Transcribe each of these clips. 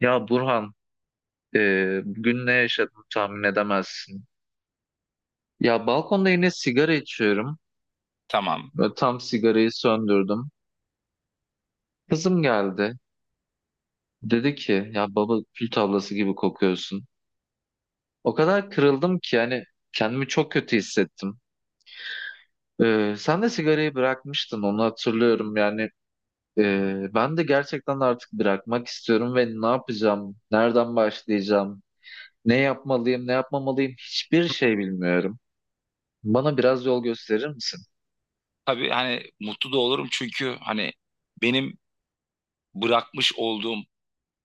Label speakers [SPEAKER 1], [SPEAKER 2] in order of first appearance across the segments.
[SPEAKER 1] Ya Burhan, bugün ne yaşadım tahmin edemezsin. Ya balkonda yine sigara içiyorum.
[SPEAKER 2] Tamam.
[SPEAKER 1] Böyle tam sigarayı söndürdüm. Kızım geldi. Dedi ki ya baba kül tablası gibi kokuyorsun. O kadar kırıldım ki yani kendimi çok kötü hissettim. Sen de sigarayı bırakmıştın onu hatırlıyorum. Ben de gerçekten artık bırakmak istiyorum ve ne yapacağım, nereden başlayacağım, ne yapmalıyım, ne yapmamalıyım hiçbir şey bilmiyorum. Bana biraz yol gösterir misin?
[SPEAKER 2] Tabii hani mutlu da olurum çünkü hani benim bırakmış olduğum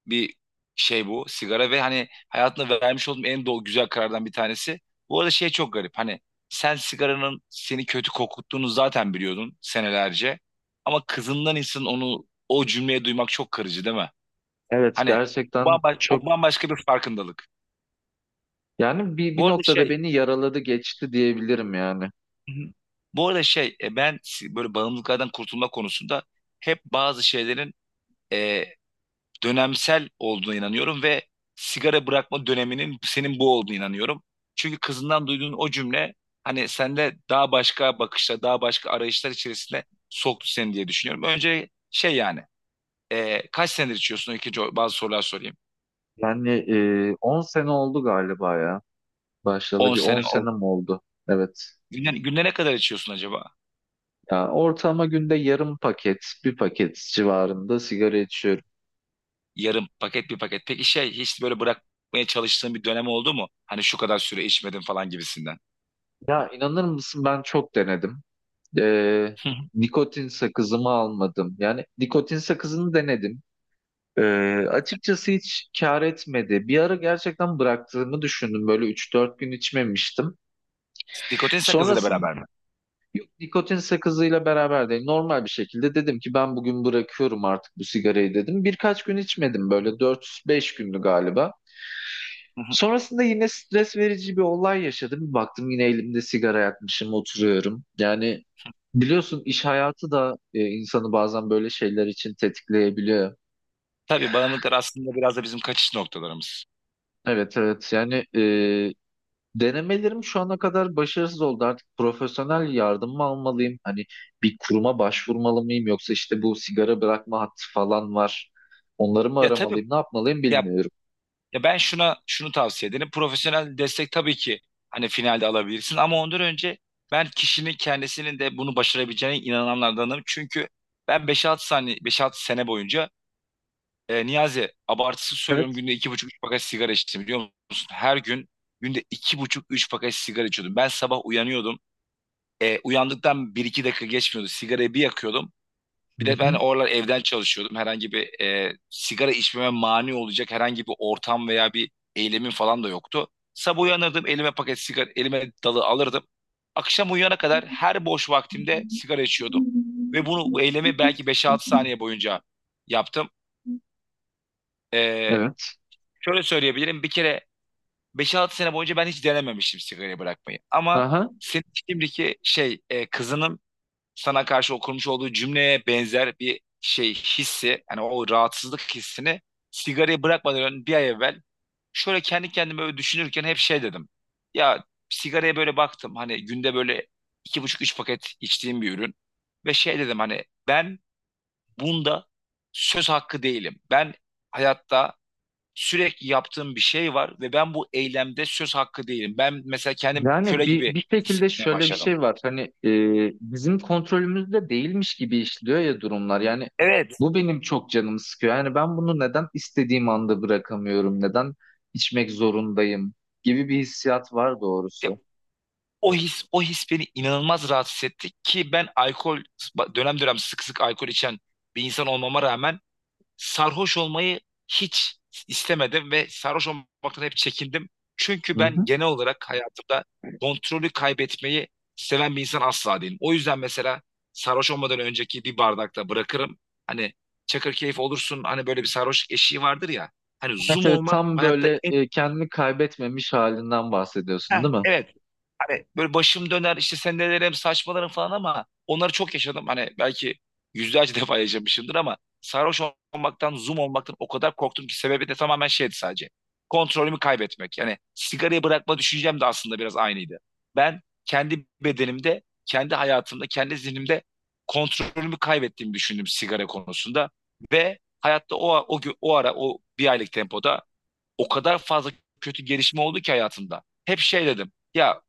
[SPEAKER 2] bir şey bu sigara ve hani hayatımda vermiş olduğum en doğru güzel karardan bir tanesi. Bu arada şey çok garip hani sen sigaranın seni kötü kokuttuğunu zaten biliyordun senelerce. Ama kızından insan onu o cümleyi duymak çok kırıcı değil mi?
[SPEAKER 1] Evet,
[SPEAKER 2] Hani
[SPEAKER 1] gerçekten çok
[SPEAKER 2] o bambaşka bir farkındalık.
[SPEAKER 1] yani bir,
[SPEAKER 2] Bu
[SPEAKER 1] bir
[SPEAKER 2] arada
[SPEAKER 1] noktada
[SPEAKER 2] şey
[SPEAKER 1] beni yaraladı geçti diyebilirim yani.
[SPEAKER 2] Hı hı. bu arada şey e, ben si- Böyle bağımlılıklardan kurtulma konusunda hep bazı şeylerin e, dönemsel olduğuna inanıyorum ve sigara bırakma döneminin senin bu olduğuna inanıyorum. Çünkü kızından duyduğun o cümle hani sende daha başka bakışlar, daha başka arayışlar içerisinde soktu seni diye düşünüyorum. Önce şey yani kaç senedir içiyorsun? İkinci bazı sorular sorayım.
[SPEAKER 1] Yani 10 sene oldu galiba ya. Başlayalı
[SPEAKER 2] On
[SPEAKER 1] bir 10
[SPEAKER 2] sene oldu.
[SPEAKER 1] sene mi oldu? Evet.
[SPEAKER 2] Günde ne kadar içiyorsun acaba?
[SPEAKER 1] Ya ortalama günde yarım paket, bir paket civarında sigara içiyorum.
[SPEAKER 2] Yarım paket bir paket. Peki şey hiç böyle bırakmaya çalıştığın bir dönem oldu mu? Hani şu kadar süre içmedim falan gibisinden.
[SPEAKER 1] Ya inanır mısın ben çok denedim. E,
[SPEAKER 2] Hı hı.
[SPEAKER 1] Nikotin sakızımı almadım. Yani nikotin sakızını denedim. E, Açıkçası hiç kar etmedi. Bir ara gerçekten bıraktığımı düşündüm. Böyle üç dört gün içmemiştim.
[SPEAKER 2] Nikotin sakızıyla
[SPEAKER 1] Sonrasında
[SPEAKER 2] beraber mi?
[SPEAKER 1] yok, nikotin sakızıyla beraber değil. Normal bir şekilde dedim ki ben bugün bırakıyorum artık bu sigarayı dedim. Birkaç gün içmedim, böyle dört beş gündü galiba.
[SPEAKER 2] Hı hı.
[SPEAKER 1] Sonrasında yine stres verici bir olay yaşadım. Bir baktım yine elimde sigara yakmışım oturuyorum. Yani biliyorsun iş hayatı da insanı bazen böyle şeyler için tetikleyebiliyor.
[SPEAKER 2] Tabii bağımlılıklar aslında biraz da bizim kaçış noktalarımız.
[SPEAKER 1] Evet, evet, yani denemelerim şu ana kadar başarısız oldu. Artık profesyonel yardım mı almalıyım? Hani bir kuruma başvurmalı mıyım? Yoksa işte bu sigara bırakma hattı falan var. Onları mı
[SPEAKER 2] Ya tabii,
[SPEAKER 1] aramalıyım? Ne yapmalıyım
[SPEAKER 2] ya,
[SPEAKER 1] bilmiyorum.
[SPEAKER 2] ya ben şuna şunu tavsiye ederim. Profesyonel destek tabii ki hani finalde alabilirsin ama ondan önce ben kişinin kendisinin de bunu başarabileceğine inananlardanım. Çünkü ben beş altı sene boyunca Niyazi abartısız söylüyorum
[SPEAKER 1] Evet.
[SPEAKER 2] günde iki buçuk üç paket sigara içtim biliyor musun? Her gün günde iki buçuk üç paket sigara içiyordum. Ben sabah uyanıyordum. Uyandıktan bir iki dakika geçmiyordu. Sigarayı bir yakıyordum.
[SPEAKER 1] Hı
[SPEAKER 2] Bir de ben
[SPEAKER 1] hı.
[SPEAKER 2] oralar evden çalışıyordum. Herhangi bir sigara içmeme mani olacak herhangi bir ortam veya bir eylemin falan da yoktu. Sabah uyanırdım, elime paket sigara, elime dalı alırdım. Akşam uyuyana kadar her boş vaktimde sigara içiyordum. Ve bunu bu eylemi belki beş altı saniye boyunca yaptım. E,
[SPEAKER 1] Evet.
[SPEAKER 2] Şöyle söyleyebilirim. Bir kere beş altı sene boyunca ben hiç denememiştim sigarayı bırakmayı. Ama
[SPEAKER 1] Aha.
[SPEAKER 2] senin şimdiki şey kızının sana karşı o kurmuş olduğu cümleye benzer bir şey hissi yani o rahatsızlık hissini sigarayı bırakmadan önce bir ay evvel şöyle kendi kendime böyle düşünürken hep şey dedim. Ya sigaraya böyle baktım hani günde böyle iki buçuk üç paket içtiğim bir ürün ve şey dedim hani ben bunda söz hakkı değilim. Ben hayatta sürekli yaptığım bir şey var ve ben bu eylemde söz hakkı değilim. Ben mesela kendim
[SPEAKER 1] Yani
[SPEAKER 2] köle gibi
[SPEAKER 1] bir, bir şekilde
[SPEAKER 2] hissetmeye
[SPEAKER 1] şöyle bir
[SPEAKER 2] başladım.
[SPEAKER 1] şey var. Hani bizim kontrolümüzde değilmiş gibi işliyor ya durumlar. Yani
[SPEAKER 2] Evet.
[SPEAKER 1] bu benim çok canımı sıkıyor. Yani ben bunu neden istediğim anda bırakamıyorum? Neden içmek zorundayım? Gibi bir hissiyat var doğrusu.
[SPEAKER 2] O his, o his beni inanılmaz rahatsız etti ki ben alkol dönem dönem sık sık alkol içen bir insan olmama rağmen sarhoş olmayı hiç istemedim ve sarhoş olmaktan hep çekindim. Çünkü
[SPEAKER 1] Hı
[SPEAKER 2] ben
[SPEAKER 1] hı.
[SPEAKER 2] genel olarak hayatımda kontrolü kaybetmeyi seven bir insan asla değilim. O yüzden mesela sarhoş olmadan önceki bir bardakta bırakırım. Hani çakır keyif olursun hani böyle bir sarhoş eşiği vardır ya. Hani
[SPEAKER 1] Evet,
[SPEAKER 2] zoom
[SPEAKER 1] evet,
[SPEAKER 2] olmak
[SPEAKER 1] tam
[SPEAKER 2] hayatta
[SPEAKER 1] böyle
[SPEAKER 2] en
[SPEAKER 1] kendini kaybetmemiş halinden bahsediyorsun,
[SPEAKER 2] Heh,
[SPEAKER 1] değil mi?
[SPEAKER 2] evet. Hani böyle başım döner işte sendelerim saçmalarım falan ama onları çok yaşadım. Hani belki yüzlerce defa yaşamışımdır ama sarhoş olmaktan, zoom olmaktan o kadar korktum ki sebebi de tamamen şeydi sadece. Kontrolümü kaybetmek. Yani sigarayı bırakma düşüncem de aslında biraz aynıydı. Ben kendi bedenimde, kendi hayatımda, kendi zihnimde kontrolümü kaybettiğimi düşündüm sigara konusunda ve hayatta o ara o bir aylık tempoda o kadar fazla kötü gelişme oldu ki hayatımda. Hep şey dedim. Ya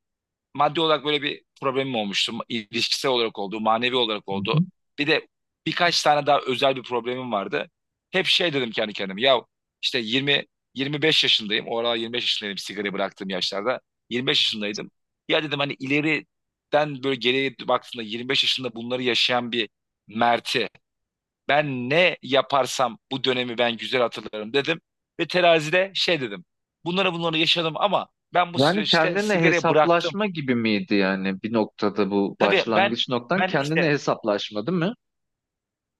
[SPEAKER 2] maddi olarak böyle bir problemim olmuştu. İlişkisel olarak oldu, manevi olarak
[SPEAKER 1] Hı
[SPEAKER 2] oldu.
[SPEAKER 1] hı.
[SPEAKER 2] Bir de birkaç tane daha özel bir problemim vardı. Hep şey dedim kendi kendime. Ya işte 20 25 yaşındayım. O aralar 25 yaşındaydım sigarayı bıraktığım yaşlarda. 25 yaşındaydım. Ya dedim hani ileriden böyle geriye baktığında 25 yaşında bunları yaşayan bir Mert'i ben ne yaparsam bu dönemi ben güzel hatırlarım dedim. Ve terazide şey dedim. Bunları yaşadım ama ben bu
[SPEAKER 1] Yani
[SPEAKER 2] süreçte
[SPEAKER 1] kendine
[SPEAKER 2] sigarayı bıraktım.
[SPEAKER 1] hesaplaşma gibi miydi yani bir noktada bu
[SPEAKER 2] Tabii ben
[SPEAKER 1] başlangıç noktan kendine
[SPEAKER 2] işte
[SPEAKER 1] hesaplaşma, değil mi?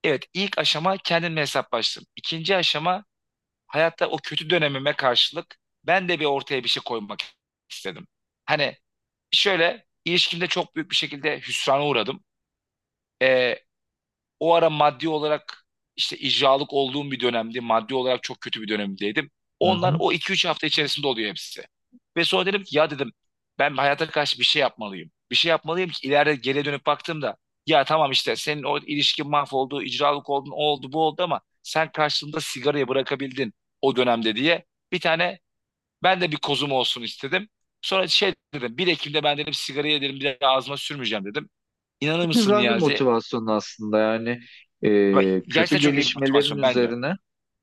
[SPEAKER 2] evet ilk aşama kendimle hesaplaştım. İkinci aşama hayatta o kötü dönemime karşılık ben de ortaya bir şey koymak istedim. Hani şöyle ilişkimde çok büyük bir şekilde hüsrana uğradım. Ee, O ara maddi olarak işte icralık olduğum bir dönemdi. Maddi olarak çok kötü bir dönemdeydim.
[SPEAKER 1] Hı
[SPEAKER 2] Onlar
[SPEAKER 1] hı.
[SPEAKER 2] o 2-3 hafta içerisinde oluyor hepsi. Ve sonra dedim ki ya dedim ben hayata karşı bir şey yapmalıyım. Bir şey yapmalıyım ki ileride geriye dönüp baktığımda ya tamam işte senin o ilişkin mahvoldu, icralık oldun, o oldu, bu oldu ama sen karşılığında sigarayı bırakabildin o dönemde diye bir tane ben de bir kozum olsun istedim. Sonra şey dedim bir Ekim'de ben dedim sigarayı dedim bir daha ağzıma sürmeyeceğim dedim. İnanır mısın
[SPEAKER 1] Güzel bir
[SPEAKER 2] Niyazi?
[SPEAKER 1] motivasyon aslında. yani
[SPEAKER 2] Bak,
[SPEAKER 1] e, kötü
[SPEAKER 2] gerçekten çok iyi bir
[SPEAKER 1] gelişmelerin
[SPEAKER 2] motivasyon
[SPEAKER 1] üzerine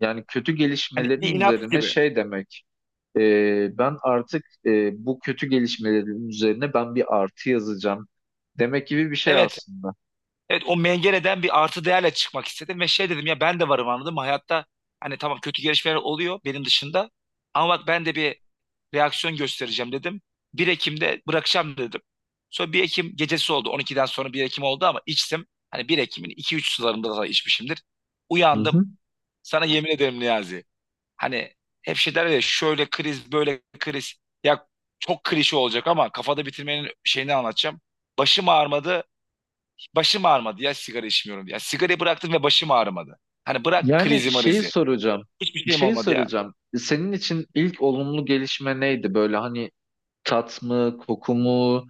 [SPEAKER 1] yani kötü
[SPEAKER 2] Hani
[SPEAKER 1] gelişmelerin
[SPEAKER 2] bir inat
[SPEAKER 1] üzerine
[SPEAKER 2] gibi.
[SPEAKER 1] şey demek, ben artık, bu kötü gelişmelerin üzerine ben bir artı yazacağım demek gibi bir şey
[SPEAKER 2] Evet,
[SPEAKER 1] aslında.
[SPEAKER 2] evet o mengeneden bir artı değerle çıkmak istedim ve şey dedim ya ben de varım anladım. Hayatta hani tamam kötü gelişmeler oluyor benim dışında ama bak ben de bir reaksiyon göstereceğim dedim. 1 Ekim'de bırakacağım dedim. Sonra 1 Ekim gecesi oldu. 12'den sonra 1 Ekim oldu ama içtim. Hani 1 Ekim'in 2-3 sularında da içmişimdir.
[SPEAKER 1] Hı
[SPEAKER 2] Uyandım.
[SPEAKER 1] hı.
[SPEAKER 2] Sana yemin ederim Niyazi. Hani hep şey derler ya şöyle kriz böyle kriz. Ya çok klişe olacak ama kafada bitirmenin şeyini anlatacağım. Başım ağrımadı, başım ağrımadı ya sigara içmiyorum. Ya sigarayı bıraktım ve başım ağrımadı. Hani bırak
[SPEAKER 1] Yani
[SPEAKER 2] krizi
[SPEAKER 1] şeyi
[SPEAKER 2] marizi.
[SPEAKER 1] soracağım
[SPEAKER 2] Hiçbir şeyim
[SPEAKER 1] Şeyi
[SPEAKER 2] olmadı ya.
[SPEAKER 1] soracağım, senin için ilk olumlu gelişme neydi böyle, hani tat mı koku mu,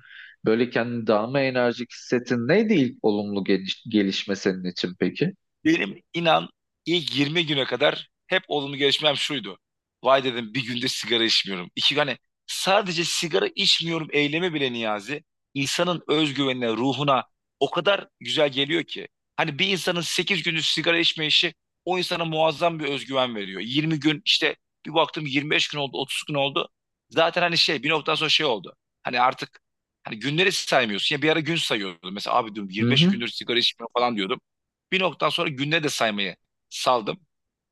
[SPEAKER 1] böyle kendini daha mı enerjik hissettin, neydi ilk olumlu gelişme senin için peki?
[SPEAKER 2] Benim inan ilk 20 güne kadar hep olumlu gelişmem şuydu. Vay dedim bir günde sigara içmiyorum. İki hani sadece sigara içmiyorum eylemi bile Niyazi insanın özgüvenine, ruhuna o kadar güzel geliyor ki. Hani bir insanın 8 gündüz sigara içme işi o insana muazzam bir özgüven veriyor. 20 gün işte bir baktım 25 gün oldu, 30 gün oldu. Zaten hani şey bir noktadan sonra şey oldu. Hani artık hani günleri saymıyorsun. Ya bir ara gün sayıyordum. Mesela abi diyorum
[SPEAKER 1] Hı
[SPEAKER 2] 25
[SPEAKER 1] hı.
[SPEAKER 2] gündür sigara içmiyorum falan diyordum. Bir noktadan sonra günleri de saymayı saldım.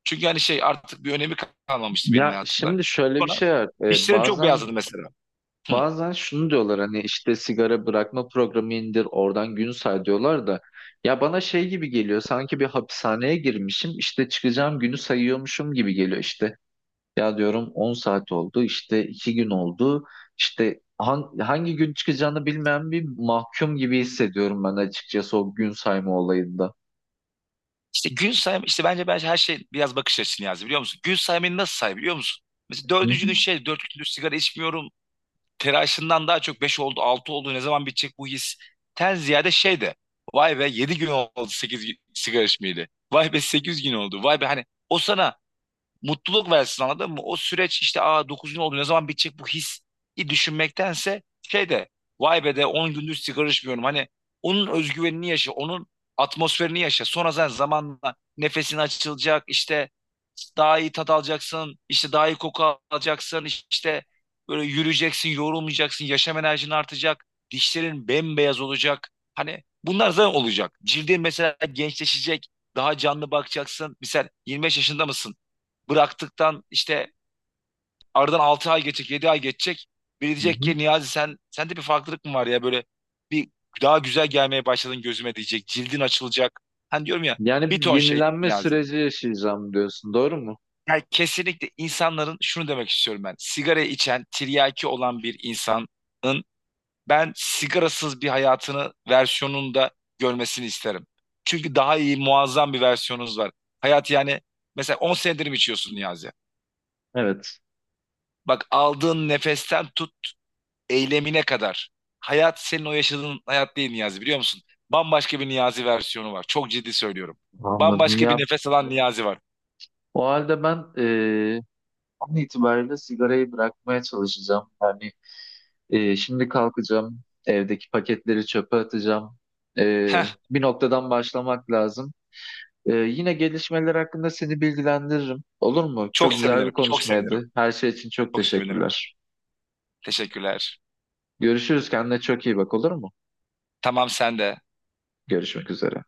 [SPEAKER 2] Çünkü hani şey artık bir önemi kalmamıştı benim
[SPEAKER 1] Ya
[SPEAKER 2] hayatımda.
[SPEAKER 1] şimdi şöyle bir
[SPEAKER 2] Sonra
[SPEAKER 1] şey var.
[SPEAKER 2] işlerim çok
[SPEAKER 1] Bazen
[SPEAKER 2] beyazladı mesela. Hı.
[SPEAKER 1] şunu diyorlar, hani işte sigara bırakma programı indir oradan gün say diyorlar da, ya bana şey gibi geliyor, sanki bir hapishaneye girmişim, işte çıkacağım günü sayıyormuşum gibi geliyor işte. Ya diyorum 10 saat oldu, işte 2 gün oldu, işte hangi gün çıkacağını bilmeyen bir mahkum gibi hissediyorum ben açıkçası o gün sayma olayında.
[SPEAKER 2] İşte gün sayma, işte bence her şey biraz bakış açısını yazdı biliyor musun? Gün saymayı nasıl say biliyor musun? Mesela
[SPEAKER 1] Hı
[SPEAKER 2] dördüncü
[SPEAKER 1] hı,
[SPEAKER 2] gün şey dört küllük sigara içmiyorum. Telaşından daha çok beş oldu, altı oldu. Ne zaman bitecek bu his? Ten ziyade şey de. Vay be yedi gün oldu sekiz sigara içmeyeli. Vay be sekiz gün oldu. Vay be hani o sana mutluluk versin anladın mı? O süreç işte aa 9 gün oldu ne zaman bitecek bu hissi düşünmektense şey de vay be de 10 gündür sigara içmiyorum. Hani onun özgüvenini yaşa, onun atmosferini yaşa. Sonra sen zamanla nefesin açılacak işte daha iyi tat alacaksın, işte daha iyi koku alacaksın, işte böyle yürüyeceksin, yorulmayacaksın, yaşam enerjin artacak, dişlerin bembeyaz olacak. Hani bunlar zaten olacak. Cildin mesela gençleşecek, daha canlı bakacaksın. Mesela 25 yaşında mısın? Bıraktıktan işte aradan 6 ay geçecek, 7 ay geçecek. Biri
[SPEAKER 1] hı
[SPEAKER 2] diyecek
[SPEAKER 1] hı.
[SPEAKER 2] ki Niyazi sen sende bir farklılık mı var ya böyle bir daha güzel gelmeye başladın gözüme diyecek. Cildin açılacak. Hani diyorum ya
[SPEAKER 1] Yani
[SPEAKER 2] bir
[SPEAKER 1] bir
[SPEAKER 2] ton şey
[SPEAKER 1] yenilenme
[SPEAKER 2] Niyazi.
[SPEAKER 1] süreci yaşayacağım diyorsun, doğru mu?
[SPEAKER 2] Yani kesinlikle insanların şunu demek istiyorum ben. Sigara içen, tiryaki olan bir insanın ben sigarasız bir hayatını versiyonunda görmesini isterim. Çünkü daha iyi, muazzam bir versiyonunuz var. Hayat yani mesela 10 senedir mi içiyorsun Niyazi?
[SPEAKER 1] Evet.
[SPEAKER 2] Bak aldığın nefesten tut eylemine kadar. Hayat senin o yaşadığın hayat değil Niyazi biliyor musun? Bambaşka bir Niyazi versiyonu var. Çok ciddi söylüyorum.
[SPEAKER 1] Anladım.
[SPEAKER 2] Bambaşka bir
[SPEAKER 1] Ya
[SPEAKER 2] nefes alan Niyazi var.
[SPEAKER 1] o halde ben an itibariyle sigarayı bırakmaya çalışacağım. Yani şimdi kalkacağım, evdeki paketleri çöpe atacağım.
[SPEAKER 2] Heh,
[SPEAKER 1] Bir noktadan başlamak lazım. Yine gelişmeler hakkında seni bilgilendiririm. Olur mu?
[SPEAKER 2] çok
[SPEAKER 1] Çok güzel bir
[SPEAKER 2] sevinirim. Çok sevinirim.
[SPEAKER 1] konuşmaydı. Her şey için çok
[SPEAKER 2] Çok sevinirim.
[SPEAKER 1] teşekkürler.
[SPEAKER 2] Teşekkürler.
[SPEAKER 1] Görüşürüz. Kendine çok iyi bak, olur mu?
[SPEAKER 2] Tamam sen de.
[SPEAKER 1] Görüşmek üzere.